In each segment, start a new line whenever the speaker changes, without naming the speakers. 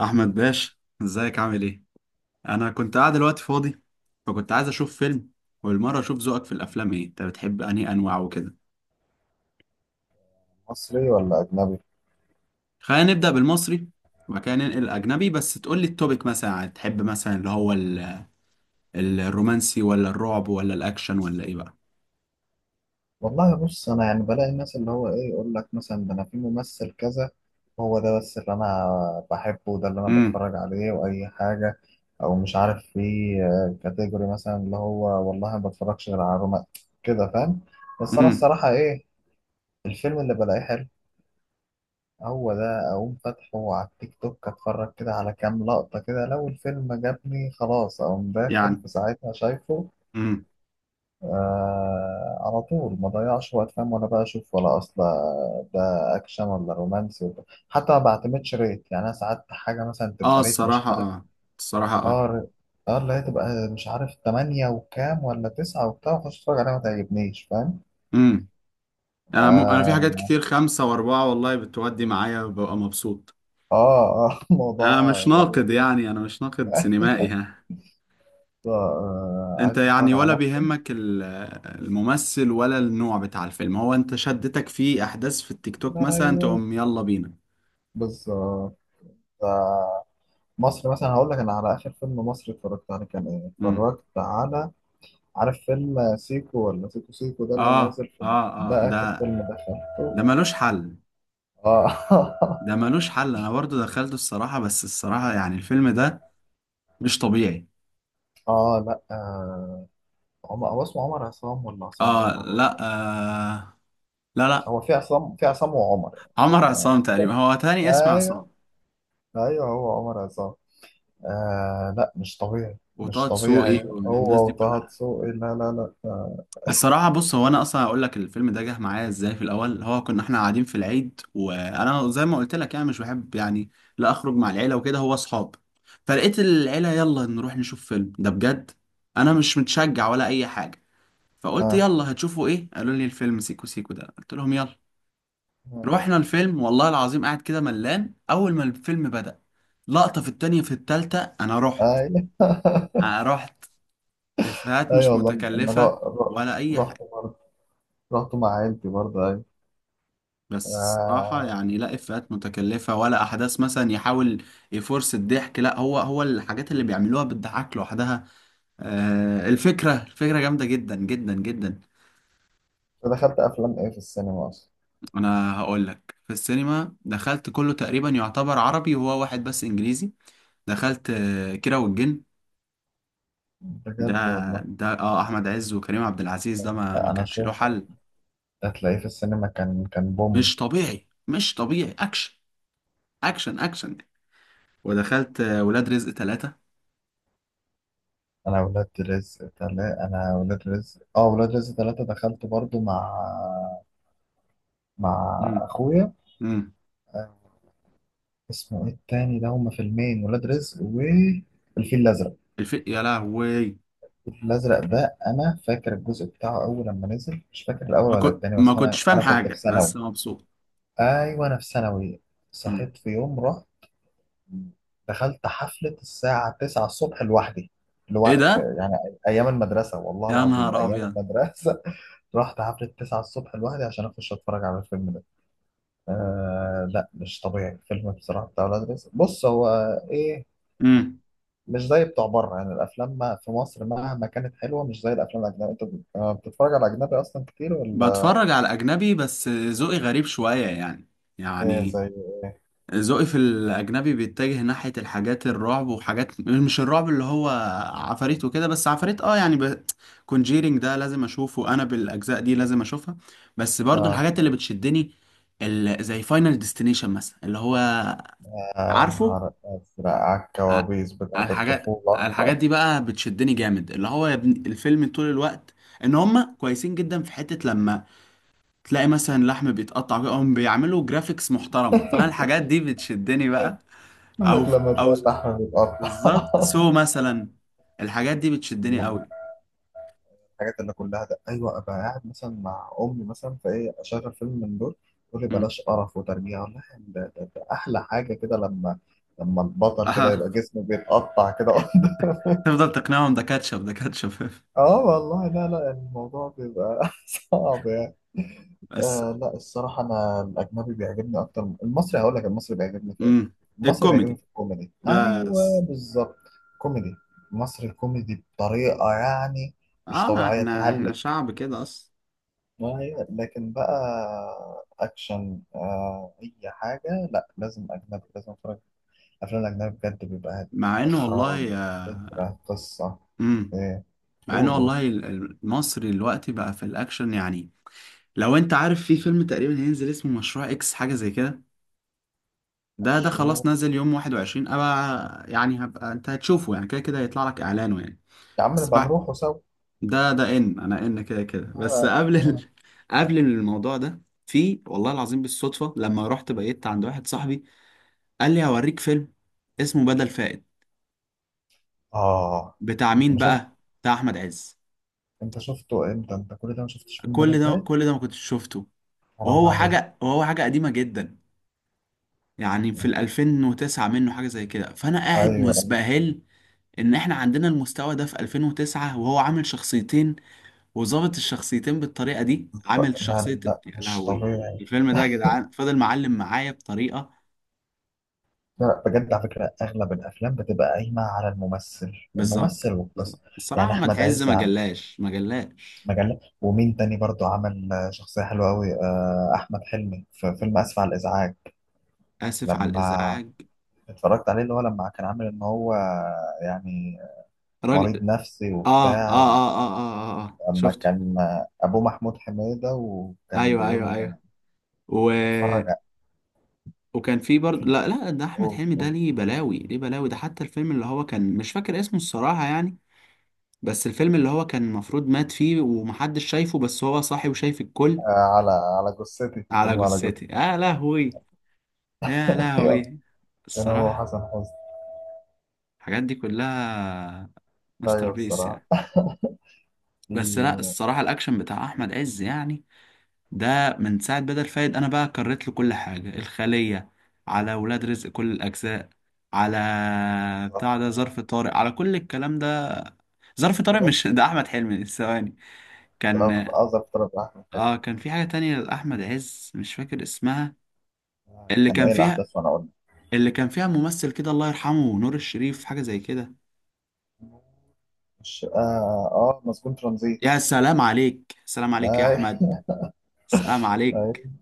احمد باشا، ازيك؟ عامل ايه؟ انا كنت قاعد دلوقتي فاضي، فكنت عايز اشوف فيلم. والمره اشوف ذوقك في الافلام ايه، انت بتحب انهي انواع وكده؟
مصري ولا أجنبي؟
خلينا نبدا بالمصري وبعد كده ننقل الاجنبي، بس تقول لي التوبيك مثلا، يعني تحب مثلا اللي هو الرومانسي ولا الرعب ولا الاكشن ولا ايه بقى؟
والله بص، أنا يعني بلاقي الناس اللي هو إيه، يقول لك مثلا ده أنا في ممثل كذا، هو ده بس اللي أنا بحبه، وده اللي أنا
امم.
بتفرج عليه وأي حاجة. أو مش عارف، في كاتيجوري مثلا اللي هو والله ما بتفرجش غير على روما، كده فاهم؟ بس أنا
امم.
الصراحة إيه، الفيلم اللي بلاقيه حلو هو ده، أقوم فاتحه على التيك توك، أتفرج كده على كام لقطة، كده لو الفيلم جابني خلاص أقوم داخل
يعني.
في ساعتها شايفه.
امم.
آه، على طول، ما ضيعش وقت، فاهم؟ ولا بقى اشوف ولا اصل ده اكشن ولا رومانسي ولا حتى. ما بعتمدش ريت، يعني انا ساعات حاجه مثلا
اه،
تبقى ريت مش
الصراحه
عارف،
اه، الصراحه اه.
اه ر- اه اللي هي تبقى مش عارف تمانية وكام ولا تسعة وبتاع، واخش اتفرج عليها ما تعجبنيش، فاهم؟
امم. انا في حاجات
اه،
كتير، خمسة واربعة والله بتودي معايا، ببقى مبسوط.
اه، آه.
انا
موضوع
مش
غريب.
ناقد، يعني انا مش ناقد سينمائي،
ايوه.
ها. انت
عايز
يعني
تتفرج على
ولا
مصري؟
بيهمك الممثل ولا النوع بتاع الفيلم؟ هو انت شدتك في احداث في التيك توك مثلا
ايوه،
تقوم يلا بينا؟
بالظبط. آه، مصر مثلا هقول لك، انا على اخر فيلم مصري اتفرجت عليه كان ايه،
امم.
اتفرجت على، عارف فيلم سيكو ولا سيكو سيكو ده اللي
اه،
نازل
اه،
في؟
اه.
ده آخر
ده
فيلم دخلته.
ده ملوش حل.
اه.
ده ملوش حل، انا برضو دخلته الصراحة، بس الصراحة يعني الفيلم ده مش طبيعي.
اه، لا، آه. عمر، هو اسمه عمر عصام ولا عصام
اه،
عمر ولا
لا.
عصام؟
آه، لا، لا.
هو في عصام، في عصام وعمر يعني.
عمر عصام تقريبا، هو تاني اسم
ايوه،
عصام.
ايوه، هو عمر عصام. آه، لا مش طبيعي
وطه
مش
دسوقي
طبيعي،
والناس
هو
دي
وطه
كلها.
دسوقي، لا لا لا. آه.
الصراحة بص، هو أنا أصلا هقول لك الفيلم ده جه معايا إزاي في الأول. هو كنا إحنا قاعدين في العيد، وأنا زي ما قلت لك يعني مش بحب يعني لا أخرج مع العيلة وكده، هو أصحاب. فلقيت العيلة يلا نروح نشوف فيلم ده، بجد أنا مش متشجع ولا أي حاجة. فقلت
آه.
يلا هتشوفوا إيه؟ قالوا لي الفيلم سيكو سيكو ده، قلت لهم يلا. رحنا الفيلم والله العظيم، قاعد كده ملان. أول ما الفيلم بدأ لقطة، في التانية، في التالتة، أنا
آه،
رحت.
ايوه.
أنا رحت. إفيهات
ايوه
مش
والله، انا
متكلفة ولا أي
رحت
حاجة.
برضه، رحت مع عيلتي برضه، ايوه.
بس الصراحة
آه.
يعني لا إفيهات متكلفة، ولا أحداث مثلا يحاول يفرس الضحك، لا، هو الحاجات اللي بيعملوها بتضحك لوحدها. آه، الفكرة جامدة جدا جدا جدا.
دخلت افلام ايه في السينما اصلا؟
أنا هقول لك، في السينما دخلت كله تقريبا يعتبر عربي، وهو واحد بس إنجليزي. دخلت كيرة والجن. ده
بجد والله.
ده أحمد عز وكريم عبد العزيز، ده ما
لا، انا
كانش له
شوف،
حل.
هتلاقيه في السينما، كان بوم.
مش طبيعي، مش طبيعي. أكشن، أكشن، أكشن. ودخلت ولاد رزق ثلاثة.
انا ولاد رزق تلا انا ولاد رزق اه ولاد رزق ثلاثة دخلت برضو مع اخويا.
امم.
آه. اسمه ايه التاني ده؟ هما فيلمين، ولاد رزق والفيل الازرق.
يا لهوي،
الفيل الازرق ده انا فاكر الجزء بتاعه اول لما نزل، مش فاكر الاول
ما
ولا
كنت
التاني،
ما
بس انا
كنتش فاهم
انا كنت في
حاجة،
ثانوي.
بس مبسوط.
ايوه، انا في ثانوي.
مم.
صحيت في يوم، رحت دخلت حفلة الساعة 9 الصبح لوحدي،
ايه
لوقف
ده؟
يعني. أيام المدرسة، والله
يا
العظيم
نهار
أيام
ابيض.
المدرسة. رحت حفلة 9 الصبح لوحدي عشان أخش أتفرج على الفيلم ده. آه لا، مش طبيعي الفيلم بصراحة بتاع ولاد رزق. بص، هو إيه؟
مم.
مش زي بتوع بره يعني، الأفلام ما في مصر مهما كانت حلوة مش زي الأفلام الأجنبية. أنت بتتفرج على أجنبي أصلا كتير ولا
بتفرج على أجنبي بس ذوقي غريب شوية يعني.
إيه؟
يعني
زي.
ذوقي في الأجنبي بيتجه ناحية الحاجات الرعب، وحاجات مش الرعب اللي هو عفاريت وكده، بس عفاريت اه يعني كونجيرينج ده لازم أشوفه، أنا بالأجزاء دي لازم أشوفها. بس برضو
آه.
الحاجات اللي بتشدني زي فاينل ديستنيشن مثلا اللي هو،
آه،
عارفه.
نهار أزرق على
آه،
الكوابيس
على
بتاعت
الحاجات على
الطفولة.
الحاجات دي بقى بتشدني جامد، اللي هو يا ابني الفيلم طول الوقت ان هم كويسين جدا، في حتة لما تلاقي مثلا لحم بيتقطع كده، هم بيعملوا جرافيكس محترمة، فانا الحاجات دي بتشدني بقى.
يقول
او
لك لما
او
تلاقي اللحم بيتقطع.
بالظبط سو مثلا الحاجات دي بتشدني
صالون،
قوي.
الحاجات اللي كلها ده، ايوه. ابقى قاعد مثلا مع امي مثلا، فايه اشغل فيلم من دول، تقول لي
مم.
بلاش قرف وترجيع، والله ده احلى حاجه كده، لما البطل كده
آه.
يبقى جسمه بيتقطع كده.
تفضل تقنعهم ده كاتشب، ده كاتشب.
اه والله، لا لا، الموضوع بيبقى صعب يعني.
بس.
آه لا، الصراحة أنا الأجنبي بيعجبني أكتر من المصري. هقول لك، المصري بيعجبني في إيه؟
امم.
المصري بيعجبني
الكوميدي
في الكوميدي، أيوه
بس،
بالظبط. كوميدي، مصري كوميدي بطريقة يعني مش
اه
طبيعية،
احنا
تهلك.
شعب كده اصلا.
ما هي لكن بقى اكشن، آه اي حاجه، لا، لازم اجنبي، لازم اتفرج افلام الاجنبي، بجد بيبقى
مع انه
اخراج،
والله.
فكره، قصه،
امم.
ايه.
مع انه
قولوا،
والله مصر دلوقتي بقى في الاكشن يعني. لو انت عارف في فيلم تقريبا هينزل اسمه مشروع اكس، حاجة زي كده، ده خلاص
مشروع،
نازل يوم 21، ابقى يعني هبقى، انت هتشوفه يعني، كده كده هيطلع لك اعلانه يعني.
يا عم
بس
نبقى
بعد
نروحوا سوا.
ده انا كده كده، بس
اه.
قبل
آه.
قبل الموضوع ده، في والله العظيم بالصدفة لما رحت بقيت عند واحد صاحبي، قال لي هوريك فيلم اسمه بدل فائد.
آه.
بتاع
انت
مين
ما شفت؟
بقى؟ بتاع احمد عز.
انت شفته امتى؟ انت كل ده ما شفتش فيلم
كل
بدل
ده،
فايت؟
كل ده ما كنتش شفته.
حرام
وهو
عليك.
حاجة وهو حاجة قديمة جدا، يعني في ال 2009 منه، حاجة زي كده، فأنا قاعد
ايوه.
مسبهل إن إحنا عندنا المستوى ده في 2009، وهو عامل شخصيتين، وظابط الشخصيتين بالطريقة دي،
لا
عامل
لا
شخصية.
لا،
يا
مش
لهوي،
طبيعي.
الفيلم ده يا جدعان فضل معلم معايا بطريقة.
لا بجد، على فكره اغلب الافلام بتبقى قايمه على الممثل،
بالظبط.
الممثل
بالظبط.
والقصه. يعني
الصراحة ما
احمد
تحز،
عز،
ما جلاش، ما جلاش.
مجلة، ومين تاني برضو عمل آه شخصية حلوة أوي، آه، أحمد حلمي في فيلم آسف على الإزعاج،
آسف على
لما
الإزعاج
اتفرجت عليه، اللي هو لما كان عامل إن هو يعني مريض
راجل.
نفسي
آه، آه، آه،
وبتاع.
آه، آه، آه، آه.
أما
شفته.
كان آه أبوه محمود حميدة، وكان
أيوه، أيوه،
بيقول
أيوه. و...
اتفرج على،
وكان في برضه. لا، لا، ده احمد حلمي، ده
قول،
ليه بلاوي، ليه بلاوي ده. حتى الفيلم اللي هو كان مش فاكر اسمه الصراحة يعني، بس الفيلم اللي هو كان المفروض مات فيه ومحدش شايفه، بس هو صاحي وشايف الكل.
على جثتي،
على
فيلم على
جثتي،
جثتي.
يا لهوي، يا
أيوة،
لهوي.
كان هو
الصراحة
حسن حسني.
الحاجات دي كلها ماستر
أيوه
بيس
الصراحة.
يعني. بس لا،
في-
الصراحة الأكشن بتاع أحمد عز يعني، ده من ساعة بدل فايد أنا بقى كررت له كل حاجة: الخلية، على ولاد رزق كل الأجزاء، على
بالظبط.
بتاع ده ظرف طارق، على كل الكلام ده. ظرف طارق،
ولاد،
مش ده احمد حلمي؟ ثواني.
في
كان
أظهر طلب أحمد حلمي.
اه كان في حاجه تانية لاحمد عز مش فاكر اسمها،
آه،
اللي
كان
كان
إيه
فيها
الأحداث؟ وأنا أقول
اللي كان فيها ممثل كده، الله يرحمه، نور الشريف، حاجه زي كده.
لك. مش آه، مسجون ترانزيت.
يا سلام عليك، سلام عليك يا
اي،
احمد، سلام عليك.
اي.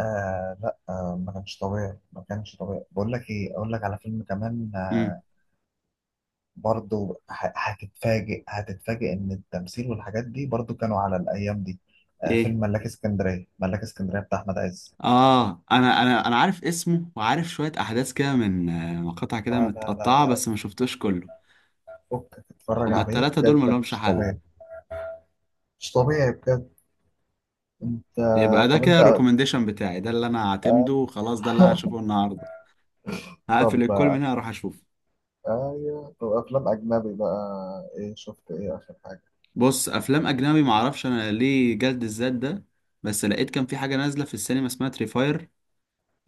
آه لا، آه ما كانش طبيعي، ما كانش طبيعي. بقول لك ايه، اقول لك على فيلم كمان.
امم.
آه، برضو هتتفاجئ ان التمثيل والحاجات دي برضو كانوا على الايام دي. آه،
ايه،
فيلم ملاك اسكندريه، ملاك اسكندريه بتاع احمد عز.
اه انا عارف اسمه وعارف شويه احداث كده من مقاطع كده
لا لا لا
متقطعه،
لا،
بس ما شفتوش كله.
فكك تتفرج
هما
عليه
التلاته دول
بجد،
ملهمش
مش
حل.
طبيعي. مش طبيعي بجد. انت.
يبقى ده
طب
كده
انت.
الريكومنديشن بتاعي، ده اللي انا
آه.
هعتمده وخلاص، ده اللي انا هشوفه النهارده. هقفل
طب.
الكل من هنا اروح اشوف.
آه، ايوه طب، افلام اجنبي بقى، ايه شفت ايه اخر حاجه؟
بص، افلام اجنبي معرفش انا ليه جلد الذات ده. بس لقيت كان في حاجه نازله في السينما اسمها تريفاير،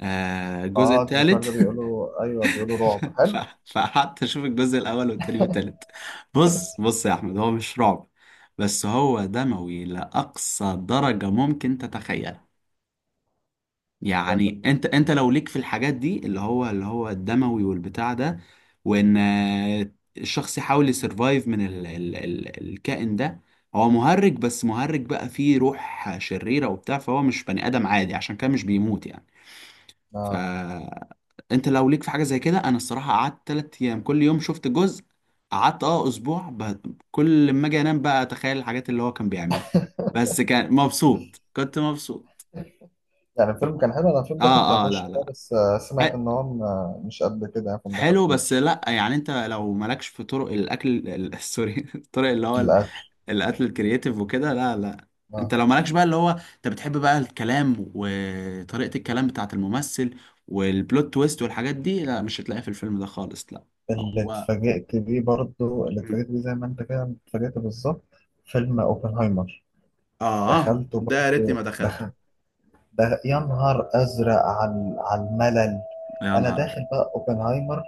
الجزء
اه تريفار ده
الثالث.
بيقولوا، ايوه بيقولوا رعب
ف-
حلو.
فقعدت اشوف الجزء الاول والتاني والتالت. بص، بص يا احمد، هو مش رعب، بس هو دموي لاقصى درجه ممكن تتخيل.
حاجات
يعني
ال-.
انت لو ليك في الحاجات دي، اللي هو الدموي والبتاع ده، وان الشخص يحاول يسرفايف من ال ال ال الكائن ده. هو مهرج، بس مهرج بقى فيه روح شريرة وبتاع، فهو مش بني آدم عادي، عشان كده مش بيموت يعني. ف
آه.
انت لو ليك في حاجة زي كده، انا الصراحة قعدت 3 ايام كل يوم شفت جزء. قعدت اسبوع كل ما اجي انام بقى اتخيل الحاجات اللي هو كان بيعملها، بس كان مبسوط كنت مبسوط.
يعني الفيلم كان حلو، انا الفيلم ده
اه،
كنت
اه،
هخش
لا،
والله،
لا.
بس آه سمعت ان هو مش قد كده يعني، فما
حلو بس
دخلتوش
لا، يعني انت لو مالكش في طرق الاكل سوري، الطرق اللي هو
للاسف.
الاكل الكرياتيف وكده، لا، لا.
اه.
انت لو مالكش بقى اللي هو، انت بتحب بقى الكلام وطريقة الكلام بتاعت الممثل والبلوت تويست والحاجات دي، لا مش هتلاقيها في الفيلم ده خالص، لا.
اللي
هو.
اتفاجئت بيه برضه، اللي
مم.
اتفاجئت بيه زي ما انت كده اتفاجئت بالظبط، فيلم اوبنهايمر.
اه،
دخلته
ده يا ريتني ما
برضه
دخلته.
دخلته، ده يا نهار ازرق على الملل.
يا
انا
نهار
داخل بقى اوبنهايمر،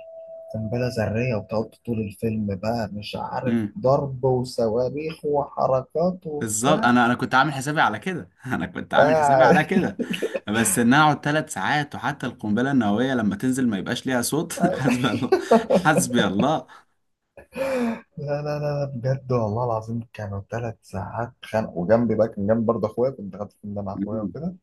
قنبله ذريه، وتقعد طول الفيلم بقى مش عارف
أبيض.
ضرب وصواريخ وحركات
بالظبط،
وبتاع
انا كنت عامل حسابي على كده. انا كنت عامل حسابي على
قاعد.
كده. بس ان انا اقعد 3 ساعات، وحتى القنبله النوويه لما تنزل ما يبقاش ليها صوت. حسبي الله، حسبي الله.
لا لا لا لا، بجد والله العظيم كانوا 3 ساعات خانق. وجنبي بقى كان جنبي برضه اخويا، كنت قاعد في الفيلم ده مع اخويا وكده،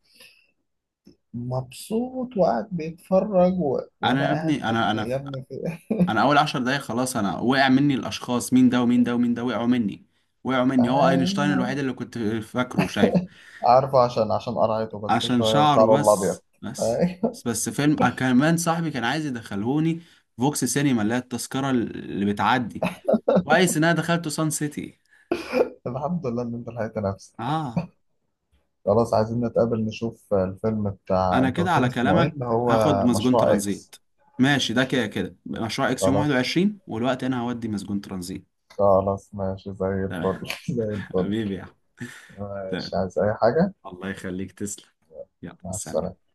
مبسوط وقاعد بيتفرج، و...
انا
وانا
يا
قاعد
ابني،
يا
انا
ابني
انا
يا ابني في...
انا اول 10 دقايق خلاص. انا وقع مني الاشخاص، مين ده ومين ده ومين ده، وقعوا مني، وقعوا مني. هو اينشتاين
ايوه،
الوحيد اللي كنت فاكره شايف،
عارفه، عشان قرعته بس
عشان
شوية
شعره
وشعره الأبيض.
بس، بس.
أيوة.
بس فيلم كمان، صاحبي كان عايز يدخلهوني فوكس سينما اللي هي التذكره اللي بتعدي. كويس ان انا دخلته سان سيتي.
الحمد لله إن أنت لحقت نفسك.
اه،
خلاص عايزين نتقابل نشوف الفيلم بتاع،
انا
أنت
كده
قلت لي
على
اسمه إيه
كلامك
اللي
هاخد
هو؟
مسجون
مشروع إكس.
ترانزيت. ماشي، ده كده كده مشروع اكس يوم
خلاص.
21، والوقت انا هودي مسجون ترانزيت.
خلاص ماشي زي
تمام،
الفل. زي الفل.
حبيبي يا أحمد. تمام.
ماشي، عايز أي حاجة؟
الله يخليك، تسلم. يلا،
مع
سلام.
السلامة.